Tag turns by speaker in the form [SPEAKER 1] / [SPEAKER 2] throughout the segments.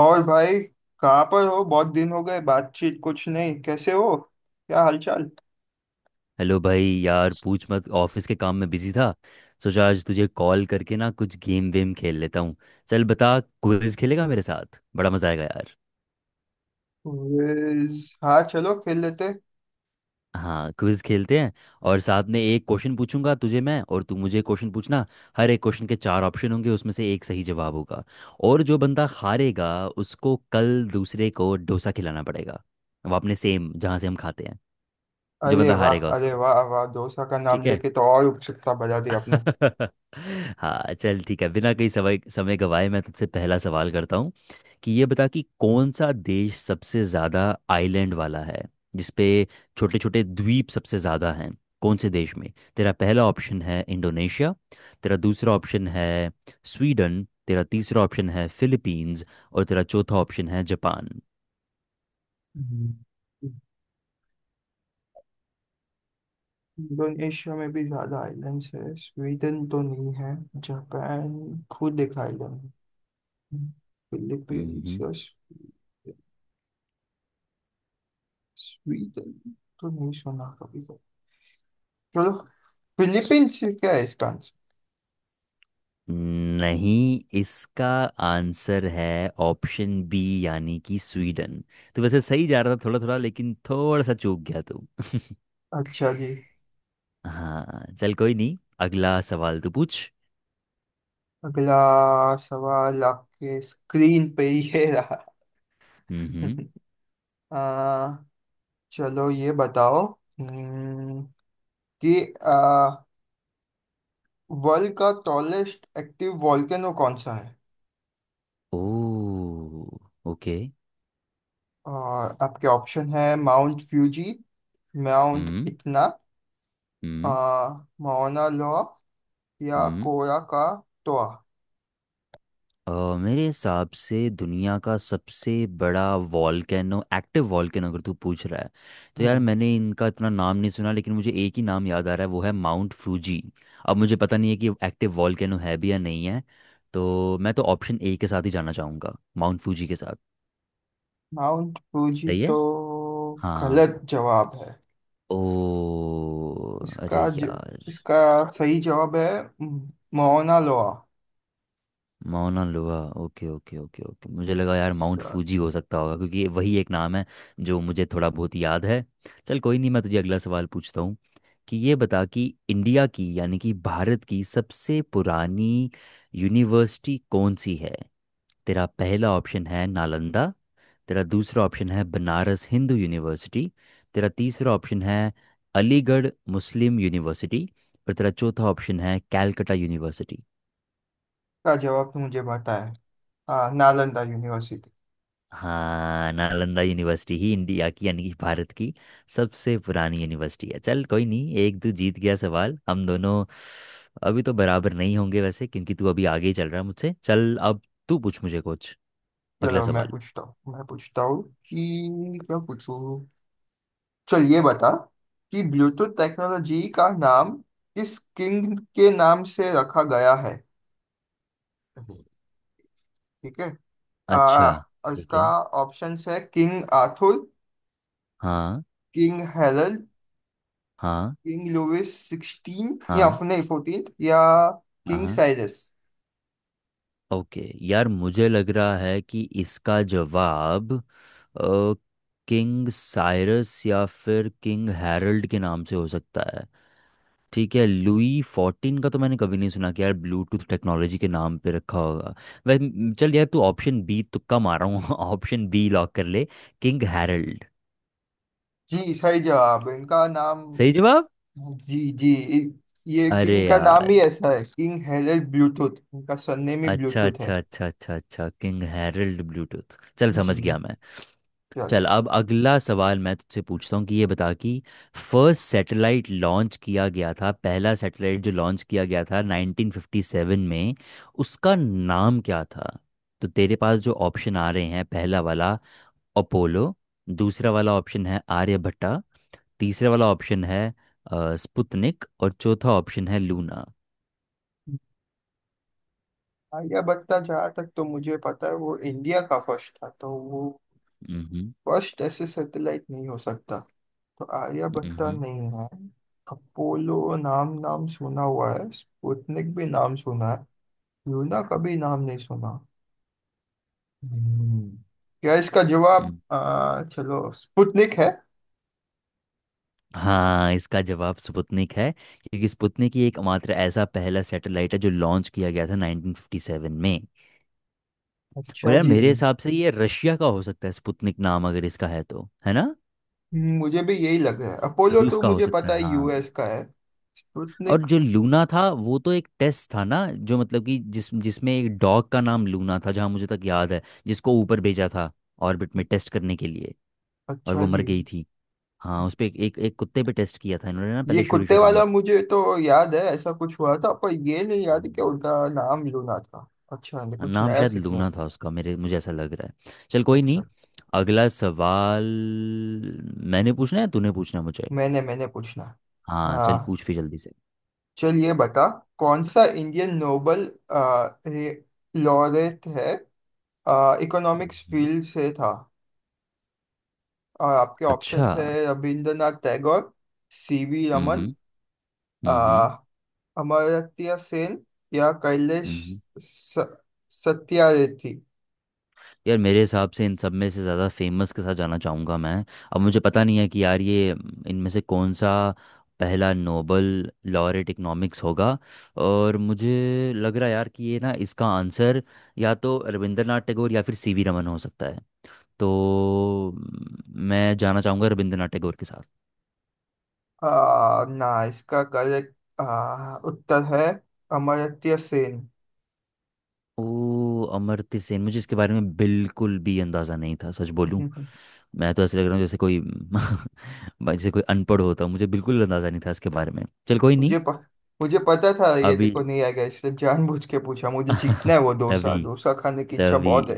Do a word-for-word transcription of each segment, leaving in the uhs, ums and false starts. [SPEAKER 1] और भाई, कहाँ पर हो? बहुत दिन हो गए, बातचीत कुछ नहीं। कैसे हो? क्या हालचाल?
[SPEAKER 2] हेलो भाई। यार पूछ मत, ऑफिस के काम में बिजी था। सोचा आज तुझे कॉल करके ना कुछ गेम वेम खेल लेता हूँ। चल बता, क्विज खेलेगा मेरे साथ? बड़ा मजा आएगा यार।
[SPEAKER 1] Quiz, हाँ चलो खेल लेते।
[SPEAKER 2] हाँ, क्विज खेलते हैं। और साथ में एक क्वेश्चन पूछूंगा तुझे मैं और तू मुझे क्वेश्चन पूछना। हर एक क्वेश्चन के चार ऑप्शन होंगे, उसमें से एक सही जवाब होगा। और जो बंदा हारेगा उसको कल दूसरे को डोसा खिलाना पड़ेगा। अब आपने सेम जहाँ से हम खाते हैं। जो
[SPEAKER 1] अरे
[SPEAKER 2] बंदा
[SPEAKER 1] वाह,
[SPEAKER 2] हारेगा
[SPEAKER 1] अरे
[SPEAKER 2] उसको।
[SPEAKER 1] वाह वाह, डोसा का नाम
[SPEAKER 2] ठीक है।
[SPEAKER 1] लेके तो और उत्सुकता बढ़ा दी आपने।
[SPEAKER 2] हाँ चल ठीक है, बिना कहीं समय समय गवाए मैं तुझसे पहला सवाल करता हूँ। कि ये बता कि कौन सा देश सबसे ज़्यादा आइलैंड वाला है, जिसपे छोटे छोटे द्वीप सबसे ज़्यादा हैं? कौन से देश में? तेरा पहला ऑप्शन है इंडोनेशिया, तेरा दूसरा ऑप्शन है स्वीडन, तेरा तीसरा ऑप्शन है फिलीपींस, और तेरा चौथा ऑप्शन है जापान।
[SPEAKER 1] हम्म। इंडोनेशिया में भी ज्यादा आइलैंड्स है। स्वीडन तो नहीं है। जापान खुद एक आइलैंड है। फिलीपींस या स्वीडन तो नहीं सुना कभी। चलो फिलीपींस। क्या है इसका आंसर?
[SPEAKER 2] नहीं, इसका आंसर है ऑप्शन बी, यानी कि स्वीडन। तो वैसे सही जा रहा था थोड़ा थोड़ा, लेकिन थोड़ा सा चूक गया तू।
[SPEAKER 1] अच्छा जी।
[SPEAKER 2] हाँ चल कोई नहीं, अगला सवाल तू पूछ।
[SPEAKER 1] अगला सवाल आपके स्क्रीन पे ही है रहा।
[SPEAKER 2] हम्म।
[SPEAKER 1] आ, चलो ये बताओ हम्म, कि वर्ल्ड का टॉलेस्ट एक्टिव वॉल्केनो कौन सा है?
[SPEAKER 2] ओ, ओके।
[SPEAKER 1] और आपके ऑप्शन है माउंट फ्यूजी, माउंट
[SPEAKER 2] हम्म।
[SPEAKER 1] इतना,
[SPEAKER 2] हम्म।
[SPEAKER 1] माउना लोआ, या
[SPEAKER 2] हम्म।
[SPEAKER 1] कोरा का टोआ।
[SPEAKER 2] अ, मेरे हिसाब से दुनिया का सबसे बड़ा वॉल्केनो, एक्टिव वॉल्केनो अगर तू पूछ रहा है, तो यार
[SPEAKER 1] हम्म।
[SPEAKER 2] मैंने इनका इतना नाम नहीं सुना, लेकिन मुझे एक ही नाम याद आ रहा है, वो है माउंट फूजी। अब मुझे पता नहीं है कि एक्टिव वॉल्केनो है भी या नहीं है, तो मैं तो ऑप्शन ए के साथ ही जाना चाहूँगा, माउंट फूजी के साथ।
[SPEAKER 1] माउंट फ्यूजी
[SPEAKER 2] सही
[SPEAKER 1] तो
[SPEAKER 2] है। हाँ।
[SPEAKER 1] गलत जवाब है।
[SPEAKER 2] ओ, अरे
[SPEAKER 1] इसका ज,
[SPEAKER 2] यार।
[SPEAKER 1] इसका सही जवाब है म- Mauna Loa.
[SPEAKER 2] Mauna Loa. Okay okay okay okay, मुझे लगा यार माउंट
[SPEAKER 1] सर,
[SPEAKER 2] फूजी हो सकता होगा, क्योंकि वही एक नाम है जो मुझे थोड़ा बहुत याद है। चल कोई नहीं, मैं तुझे अगला सवाल पूछता हूँ। कि ये बता कि इंडिया की यानी कि भारत की सबसे पुरानी यूनिवर्सिटी कौन सी है? तेरा पहला ऑप्शन है नालंदा, तेरा दूसरा ऑप्शन है बनारस हिंदू यूनिवर्सिटी, तेरा तीसरा ऑप्शन है अलीगढ़ मुस्लिम यूनिवर्सिटी, और तेरा चौथा ऑप्शन है कैलकटा यूनिवर्सिटी।
[SPEAKER 1] का जवाब तो मुझे पता है। हाँ, नालंदा यूनिवर्सिटी।
[SPEAKER 2] हाँ, नालंदा यूनिवर्सिटी ही इंडिया की यानी कि भारत की सबसे पुरानी यूनिवर्सिटी है। चल कोई नहीं, एक तू जीत गया सवाल। हम दोनों अभी तो बराबर नहीं होंगे वैसे, क्योंकि तू अभी आगे ही चल रहा है मुझसे। चल अब तू पूछ मुझे कुछ अगला
[SPEAKER 1] चलो मैं
[SPEAKER 2] सवाल।
[SPEAKER 1] पूछता हूँ, मैं पूछता हूँ, कि क्या पूछूँ। चल ये बता कि ब्लूटूथ टेक्नोलॉजी का नाम किस किंग के नाम से रखा गया है, ठीक है?
[SPEAKER 2] अच्छा।
[SPEAKER 1] आ,
[SPEAKER 2] ठीक
[SPEAKER 1] इसका
[SPEAKER 2] है।
[SPEAKER 1] ऑप्शंस है किंग आर्थर,
[SPEAKER 2] हाँ।
[SPEAKER 1] किंग हेरल्ड,
[SPEAKER 2] हाँ।
[SPEAKER 1] किंग लुइस सिक्सटीन या
[SPEAKER 2] हाँ।
[SPEAKER 1] नहीं फोर्टीन, या
[SPEAKER 2] हाँ।
[SPEAKER 1] किंग
[SPEAKER 2] हाँ,
[SPEAKER 1] साइरस।
[SPEAKER 2] ओके। यार मुझे लग रहा है कि इसका जवाब अ, किंग साइरस या फिर किंग हैरल्ड के नाम से हो सकता। ठीक है, लुई फोर्टीन का तो मैंने कभी नहीं सुना कि यार ब्लूटूथ टेक्नोलॉजी के नाम पे रखा होगा। वै चल यार, तू ऑप्शन बी, तुक्का मार रहा हूँ। ऑप्शन बी लॉक कर ले, किंग हैरल्ड।
[SPEAKER 1] जी, सही जवाब, इनका नाम।
[SPEAKER 2] सही जवाब।
[SPEAKER 1] जी जी। इ- ये
[SPEAKER 2] अरे
[SPEAKER 1] किंग का नाम
[SPEAKER 2] यार,
[SPEAKER 1] ही ऐसा है, किंग हेरल्ड ब्लूटूथ। इनका सरनेम ही
[SPEAKER 2] अच्छा
[SPEAKER 1] ब्लूटूथ है।
[SPEAKER 2] अच्छा अच्छा अच्छा अच्छा, किंग हैरल्ड ब्लूटूथ, चल
[SPEAKER 1] जी,
[SPEAKER 2] समझ गया मैं।
[SPEAKER 1] चल।
[SPEAKER 2] चल अब अगला सवाल मैं तुझसे पूछता हूँ कि ये बता कि फर्स्ट सैटेलाइट लॉन्च किया गया था, पहला सैटेलाइट जो लॉन्च किया गया था नाइन्टीन फिफ्टी सेवन में, उसका नाम क्या था? तो तेरे पास जो ऑप्शन आ रहे हैं, पहला वाला अपोलो, दूसरा वाला ऑप्शन है आर्यभट्टा, तीसरा वाला ऑप्शन है अ, स्पुतनिक, और चौथा ऑप्शन है लूना।
[SPEAKER 1] आलिया भट्ट का जहाँ तक तो मुझे पता है, वो इंडिया का फर्स्ट था, तो वो फर्स्ट ऐसे सैटेलाइट नहीं हो सकता। तो आलिया भट्ट का
[SPEAKER 2] हम्म।
[SPEAKER 1] नहीं है। अपोलो नाम नाम सुना हुआ है, स्पुतनिक भी नाम सुना है, लूना का भी नाम नहीं सुना। हम्म। क्या इसका जवाब, आ, चलो, स्पुतनिक है।
[SPEAKER 2] हाँ, इसका जवाब स्पुतनिक है, क्योंकि स्पुतनिक ही एकमात्र ऐसा पहला सैटेलाइट है जो लॉन्च किया गया था नाइन्टीन फिफ्टी सेवन में। और
[SPEAKER 1] अच्छा
[SPEAKER 2] यार
[SPEAKER 1] जी।
[SPEAKER 2] मेरे हिसाब से ये रशिया का हो सकता है, स्पुतनिक नाम अगर इसका है तो, है ना?
[SPEAKER 1] हम्म, मुझे भी यही लग रहा है। अपोलो
[SPEAKER 2] रूस
[SPEAKER 1] तो
[SPEAKER 2] का हो
[SPEAKER 1] मुझे
[SPEAKER 2] सकता है,
[SPEAKER 1] पता है
[SPEAKER 2] हाँ।
[SPEAKER 1] यूएस का है।
[SPEAKER 2] और
[SPEAKER 1] स्पुतनिक।
[SPEAKER 2] जो लूना था वो तो एक टेस्ट था ना, जो मतलब कि जिस जिसमें एक डॉग का नाम लूना था, जहाँ मुझे तक याद है, जिसको ऊपर भेजा था ऑर्बिट में टेस्ट करने के लिए। और
[SPEAKER 1] अच्छा
[SPEAKER 2] वो
[SPEAKER 1] जी।
[SPEAKER 2] मर गई थी। हाँ, उस पे एक एक एक कुत्ते पे टेस्ट किया था इन्होंने ना,
[SPEAKER 1] ये
[SPEAKER 2] पहले शुरू
[SPEAKER 1] कुत्ते
[SPEAKER 2] शुरू में।
[SPEAKER 1] वाला मुझे तो याद है, ऐसा कुछ हुआ था, पर ये नहीं याद कि
[SPEAKER 2] हम्म।
[SPEAKER 1] उनका नाम लूना था। अच्छा, ने कुछ
[SPEAKER 2] नाम
[SPEAKER 1] नया
[SPEAKER 2] शायद
[SPEAKER 1] सीखने
[SPEAKER 2] लूना
[SPEAKER 1] में।
[SPEAKER 2] था उसका, मेरे मुझे ऐसा लग रहा है। चल कोई नहीं,
[SPEAKER 1] अच्छा,
[SPEAKER 2] अगला सवाल। मैंने पूछना है, तूने पूछना है मुझे।
[SPEAKER 1] मैंने मैंने पूछना।
[SPEAKER 2] हाँ, चल
[SPEAKER 1] हाँ।
[SPEAKER 2] पूछ फिर जल्दी से।
[SPEAKER 1] चलिए बता, कौन सा इंडियन नोबल लॉरेट है, इकोनॉमिक्स
[SPEAKER 2] हम्म।
[SPEAKER 1] फील्ड से था। और आपके
[SPEAKER 2] अच्छा।
[SPEAKER 1] ऑप्शंस है Rabindranath Tagore, C V Raman,
[SPEAKER 2] hmm. Hmm. Hmm.
[SPEAKER 1] Amartya Sen, या कैलेश
[SPEAKER 2] हम्म।
[SPEAKER 1] स- सत्यार्थी।
[SPEAKER 2] यार मेरे हिसाब से इन सब में से ज़्यादा फेमस के साथ जाना चाहूँगा मैं। अब मुझे पता नहीं है कि यार ये अम, इनमें से कौन सा पहला नोबल लॉरेट इकोनॉमिक्स होगा। और मुझे लग रहा है यार कि ये ना, इसका आंसर या तो रविंद्रनाथ टैगोर या फिर सीवी रमन हो सकता है। तो म, मैं जाना चाहूँगा रविंद्रनाथ टैगोर के साथ।
[SPEAKER 1] आ, ना, इसका करेक्ट आ, उत्तर है अमर्त्य सेन।
[SPEAKER 2] ओ, अमर्त्य सेन। मुझे इसके बारे में बिल्कुल भी अंदाज़ा नहीं था, सच बोलूं। मैं तो ऐसे लग रहा हूँ जैसे कोई भाई जैसे कोई अनपढ़ होता, मुझे बिल्कुल अंदाज़ा नहीं था इसके बारे में। चल कोई नहीं।
[SPEAKER 1] मुझे प, मुझे पता था ये
[SPEAKER 2] अभी।
[SPEAKER 1] देखो नहीं आएगा, इसलिए जानबूझ के पूछा। मुझे जीतना है, वो डोसा
[SPEAKER 2] तभी।
[SPEAKER 1] डोसा खाने की इच्छा
[SPEAKER 2] तभी।
[SPEAKER 1] बहुत है।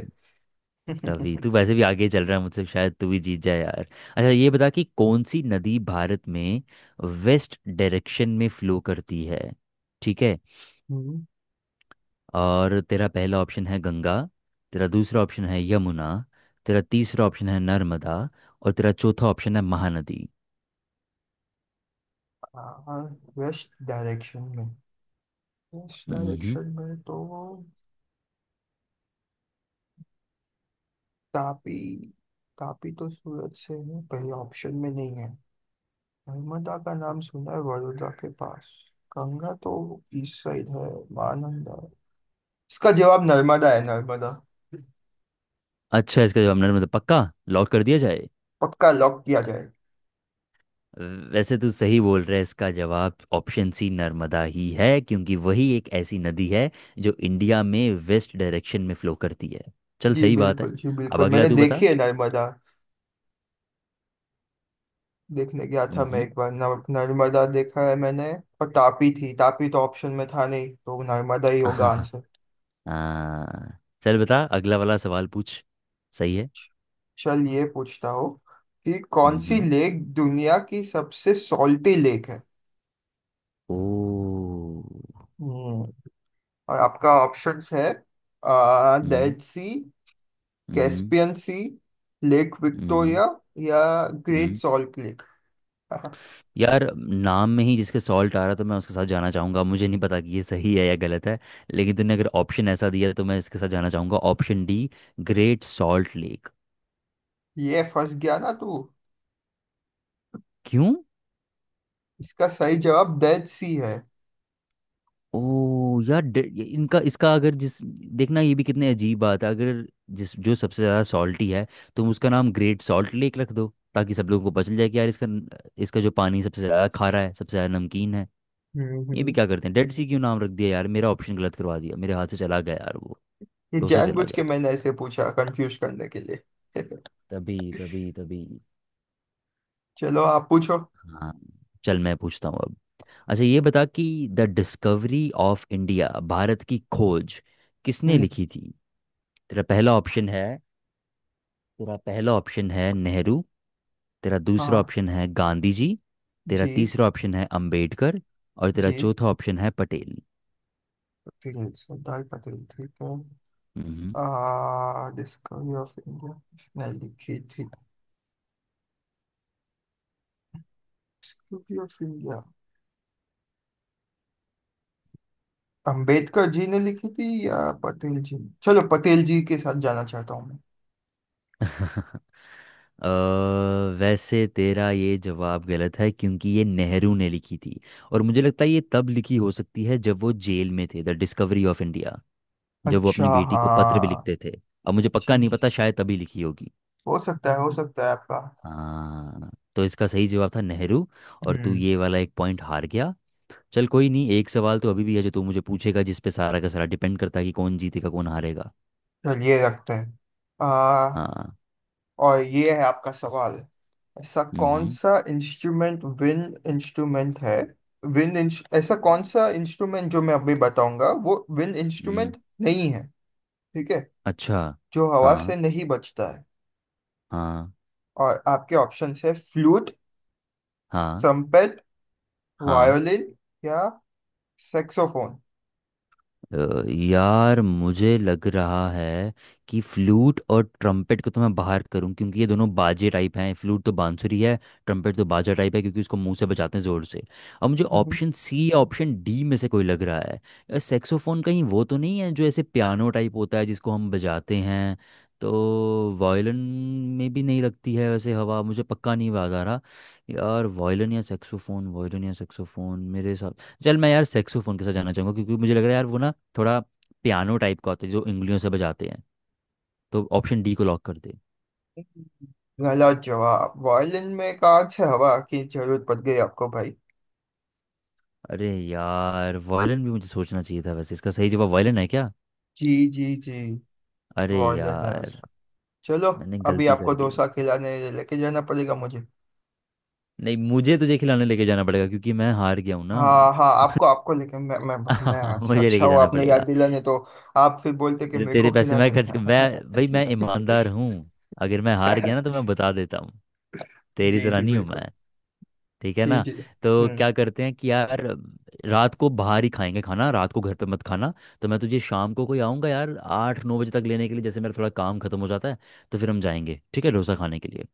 [SPEAKER 2] तभी तू वैसे भी आगे चल रहा है मुझसे, शायद तू भी जीत जाए यार। अच्छा ये बता कि कौन सी नदी भारत में वेस्ट डायरेक्शन में फ्लो करती है? ठीक है।
[SPEAKER 1] हम्म,
[SPEAKER 2] और तेरा पहला ऑप्शन है गंगा, तेरा दूसरा ऑप्शन है यमुना, तेरा तीसरा ऑप्शन है नर्मदा, और तेरा चौथा ऑप्शन है महानदी।
[SPEAKER 1] आ, वेस्ट डायरेक्शन में वेस्ट
[SPEAKER 2] हम्म।
[SPEAKER 1] डायरेक्शन में तो तापी, तापी तो सूरत से है, पहले ऑप्शन में नहीं है। नर्मदा का नाम सुना है, बड़ौदा के पास। गंगा तो ईस्ट साइड है। महानंदा। इसका जवाब नर्मदा है। नर्मदा
[SPEAKER 2] अच्छा, इसका जवाब नर्मदा? पक्का लॉक कर दिया जाए?
[SPEAKER 1] पक्का लॉक किया जाए।
[SPEAKER 2] वैसे तू सही बोल रहा है, इसका जवाब ऑप्शन सी नर्मदा ही है, क्योंकि वही एक ऐसी नदी है जो इंडिया में वेस्ट डायरेक्शन में फ्लो करती है। चल
[SPEAKER 1] जी
[SPEAKER 2] सही बात है।
[SPEAKER 1] बिल्कुल, जी
[SPEAKER 2] अब
[SPEAKER 1] बिल्कुल,
[SPEAKER 2] अगला
[SPEAKER 1] मैंने
[SPEAKER 2] तू बता।
[SPEAKER 1] देखी है नर्मदा। देखने गया था मैं
[SPEAKER 2] हम्म।
[SPEAKER 1] एक बार, नर- नर्मदा देखा है मैंने। और तापी थी, तापी तो ऑप्शन में था नहीं, तो नर्मदा ही होगा आंसर।
[SPEAKER 2] हाँ चल बता अगला वाला सवाल पूछ। सही है।
[SPEAKER 1] चल ये पूछता हूँ कि कौन सी
[SPEAKER 2] हम्म।
[SPEAKER 1] लेक दुनिया की सबसे सॉल्टी लेक है।
[SPEAKER 2] ओ।
[SPEAKER 1] हम्म। और आपका ऑप्शंस है
[SPEAKER 2] hmm.
[SPEAKER 1] Dead Sea,
[SPEAKER 2] hmm.
[SPEAKER 1] Caspian Sea, lake
[SPEAKER 2] hmm.
[SPEAKER 1] Victoria, या ग्रेट
[SPEAKER 2] हम्म।
[SPEAKER 1] Salt lake.
[SPEAKER 2] यार नाम में ही जिसके सॉल्ट आ रहा, तो मैं उसके साथ जाना चाहूंगा। मुझे नहीं पता कि ये सही है या गलत है, लेकिन तूने अगर ऑप्शन ऐसा दिया तो मैं इसके साथ जाना चाहूंगा, option D, Great Salt Lake.
[SPEAKER 1] ये फंस गया ना तू।
[SPEAKER 2] क्यों?
[SPEAKER 1] इसका सही जवाब डेड सी है।
[SPEAKER 2] ओ यार, डे- ये- इनका इसका अगर जिस, देखना ये भी कितने अजीब बात है। अगर जिस जो सबसे ज़्यादा सॉल्टी है, तुम उसका नाम ग्रेट सॉल्ट लेक रख दो, ताकि सब लोगों को पता चल जाए कि यार इसका न- इसका जो पानी सबसे ज़्यादा खारा है, सबसे ज़्यादा नमकीन है।
[SPEAKER 1] हम्म
[SPEAKER 2] ये भी
[SPEAKER 1] हम्म।
[SPEAKER 2] क्या करते हैं, डेड सी क्यों नाम रख दिया? यार मेरा ऑप्शन गलत करवा दिया, मेरे हाथ से चला गया यार वो,
[SPEAKER 1] ये
[SPEAKER 2] डोसा चला
[SPEAKER 1] जानबूझ
[SPEAKER 2] गया।
[SPEAKER 1] के मैंने ऐसे पूछा, कंफ्यूज करने के लिए।
[SPEAKER 2] तभी। तभी। तभी।
[SPEAKER 1] चलो आप पूछो।
[SPEAKER 2] हाँ चल मैं पूछता हूँ अब। अच्छा ये बता कि The Discovery of India, Bharat की खोज, किसने
[SPEAKER 1] हम्म,
[SPEAKER 2] लिखी थी? तेरा पहला ऑप्शन है तेरा पहला ऑप्शन है नेहरू, तेरा दूसरा
[SPEAKER 1] हाँ,
[SPEAKER 2] ऑप्शन है गांधी जी, तेरा
[SPEAKER 1] जी
[SPEAKER 2] तीसरा ऑप्शन है अंबेडकर, और तेरा
[SPEAKER 1] जी,
[SPEAKER 2] चौथा ऑप्शन है पटेल।
[SPEAKER 1] पटेल। सरदार पटेल, ठीक है।
[SPEAKER 2] हम्म।
[SPEAKER 1] आ डिस्कवरी ऑफ इंडिया किसने लिखी थी? Discovery of India Ambedkar ji ने लिखी थी या पटेल जी ने? चलो, पटेल जी के साथ जाना चाहता हूँ।
[SPEAKER 2] अ, वैसे तेरा ये जवाब गलत है, क्योंकि ये नेहरू ने लिखी थी। और मुझे लगता है ये तब लिखी हो सकती है जब वो जेल में थे, द डिस्कवरी ऑफ इंडिया, जब वो
[SPEAKER 1] अच्छा,
[SPEAKER 2] अपनी बेटी को पत्र भी
[SPEAKER 1] हाँ,
[SPEAKER 2] लिखते थे। अब मुझे
[SPEAKER 1] जी
[SPEAKER 2] पक्का नहीं
[SPEAKER 1] जी,
[SPEAKER 2] पता, शायद तभी लिखी होगी।
[SPEAKER 1] हो सकता है, हो सकता है आपका।
[SPEAKER 2] हाँ, तो इसका सही जवाब था नेहरू, और तू
[SPEAKER 1] हम्म।
[SPEAKER 2] ये वाला एक पॉइंट हार गया। चल कोई नहीं, एक सवाल तो अभी भी है जो तू मुझे पूछेगा, जिस पे सारा का सारा डिपेंड करता है कि कौन जीतेगा कौन हारेगा।
[SPEAKER 1] चलिए, रखते हैं। आ,
[SPEAKER 2] हाँ।
[SPEAKER 1] और ये है आपका सवाल। ऐसा कौन
[SPEAKER 2] हम्म।
[SPEAKER 1] सा इंस्ट्रूमेंट विंड इंस्ट्रूमेंट है? विंड इंस, ऐसा
[SPEAKER 2] हम्म।
[SPEAKER 1] कौन सा इंस्ट्रूमेंट जो मैं अभी बताऊंगा वो विंड
[SPEAKER 2] हम्म।
[SPEAKER 1] इंस्ट्रूमेंट नहीं है, ठीक है?
[SPEAKER 2] अच्छा।
[SPEAKER 1] जो हवा
[SPEAKER 2] हाँ।
[SPEAKER 1] से नहीं बजता है।
[SPEAKER 2] हाँ।
[SPEAKER 1] और आपके ऑप्शंस है फ्लूट,
[SPEAKER 2] हाँ।
[SPEAKER 1] ट्रम्पेट,
[SPEAKER 2] हाँ।
[SPEAKER 1] वायोलिन, या सैक्सोफोन।
[SPEAKER 2] अ, यार मुझे लग रहा है कि फ्लूट और ट्रम्पेट को तो मैं बाहर करूं, क्योंकि ये दोनों बाजे टाइप हैं। फ्लूट तो बांसुरी है, ट्रम्पेट तो बाजा टाइप है क्योंकि उसको मुंह से बजाते हैं ज़ोर से। अब मुझे ऑप्शन सी या ऑप्शन डी में से कोई लग रहा है। सेक्सोफोन कहीं वो तो नहीं है जो ऐसे पियानो टाइप होता है जिसको हम बजाते हैं? तो वायलिन में भी नहीं लगती है वैसे हवा, मुझे पक्का नहीं याद आ रहा। यार वायलिन या सेक्सोफोन वायलिन या सेक्सोफोन मेरे, चल मैं यार सेक्सोफोन के साथ जाना चाहूंगा, क्योंकि मुझे लग रहा है यार वो ना थोड़ा पियानो टाइप का होता है जो उंगलियों से बजाते हैं। तो ऑप्शन डी को लॉक कर दे।
[SPEAKER 1] गलत जवाब। वायलिन में कांच से हवा की जरूरत पड़ गई आपको, भाई।
[SPEAKER 2] अरे यार, वायलिन भी मुझे सोचना चाहिए था वैसे। इसका सही जवाब वायलिन है क्या?
[SPEAKER 1] जी जी जी,
[SPEAKER 2] अरे
[SPEAKER 1] वायलिन है
[SPEAKER 2] यार,
[SPEAKER 1] इसका। चलो,
[SPEAKER 2] मैंने
[SPEAKER 1] अभी
[SPEAKER 2] गलती
[SPEAKER 1] आपको
[SPEAKER 2] कर दी।
[SPEAKER 1] डोसा खिलाने लेके जाना पड़ेगा मुझे।
[SPEAKER 2] नहीं, मुझे तुझे खिलाने लेके जाना पड़ेगा, क्योंकि मैं हार गया हूं ना।
[SPEAKER 1] हाँ हाँ, आपको आपको लेके मैं मैं। मैं। अच्छा
[SPEAKER 2] मुझे
[SPEAKER 1] अच्छा,
[SPEAKER 2] लेके
[SPEAKER 1] वो
[SPEAKER 2] जाना
[SPEAKER 1] आपने याद
[SPEAKER 2] पड़ेगा,
[SPEAKER 1] दिलाने तो। आप फिर बोलते कि
[SPEAKER 2] मेरे
[SPEAKER 1] मेरे
[SPEAKER 2] तेरे
[SPEAKER 1] को
[SPEAKER 2] पैसे मैं
[SPEAKER 1] खिलाने
[SPEAKER 2] खर्च कर,
[SPEAKER 1] लगा।
[SPEAKER 2] मैं भाई मैं ईमानदार हूँ। अगर मैं हार गया ना, तो मैं बता देता हूँ। तेरी
[SPEAKER 1] जी
[SPEAKER 2] तरह
[SPEAKER 1] जी
[SPEAKER 2] नहीं हूँ
[SPEAKER 1] बिल्कुल।
[SPEAKER 2] मैं। ठीक है
[SPEAKER 1] जी
[SPEAKER 2] ना?
[SPEAKER 1] जी।
[SPEAKER 2] तो
[SPEAKER 1] हम्म।
[SPEAKER 2] क्या करते हैं कि यार रात को बाहर ही खाएंगे खाना, रात को घर पे मत खाना। तो मैं तुझे शाम को कोई आऊँगा यार, आठ नौ बजे तक लेने के लिए, जैसे मेरा थोड़ा काम खत्म हो जाता है, तो फिर हम जाएंगे, ठीक है, डोसा खाने के लिए।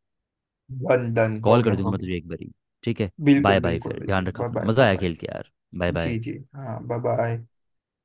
[SPEAKER 1] डन डन, हो
[SPEAKER 2] कॉल कर
[SPEAKER 1] गया
[SPEAKER 2] दूंगा
[SPEAKER 1] हो
[SPEAKER 2] मैं
[SPEAKER 1] गया।
[SPEAKER 2] तुझे एक बारी। ठीक है। बाय
[SPEAKER 1] बिल्कुल
[SPEAKER 2] बाय,
[SPEAKER 1] बिल्कुल
[SPEAKER 2] फिर
[SPEAKER 1] बिल्कुल,
[SPEAKER 2] ध्यान रखा
[SPEAKER 1] बाय
[SPEAKER 2] अपना,
[SPEAKER 1] बाय
[SPEAKER 2] मज़ा
[SPEAKER 1] बाय
[SPEAKER 2] आया
[SPEAKER 1] बाय।
[SPEAKER 2] खेल के यार। Bye
[SPEAKER 1] ji
[SPEAKER 2] bye.
[SPEAKER 1] जी, हाँ, बाय बाय।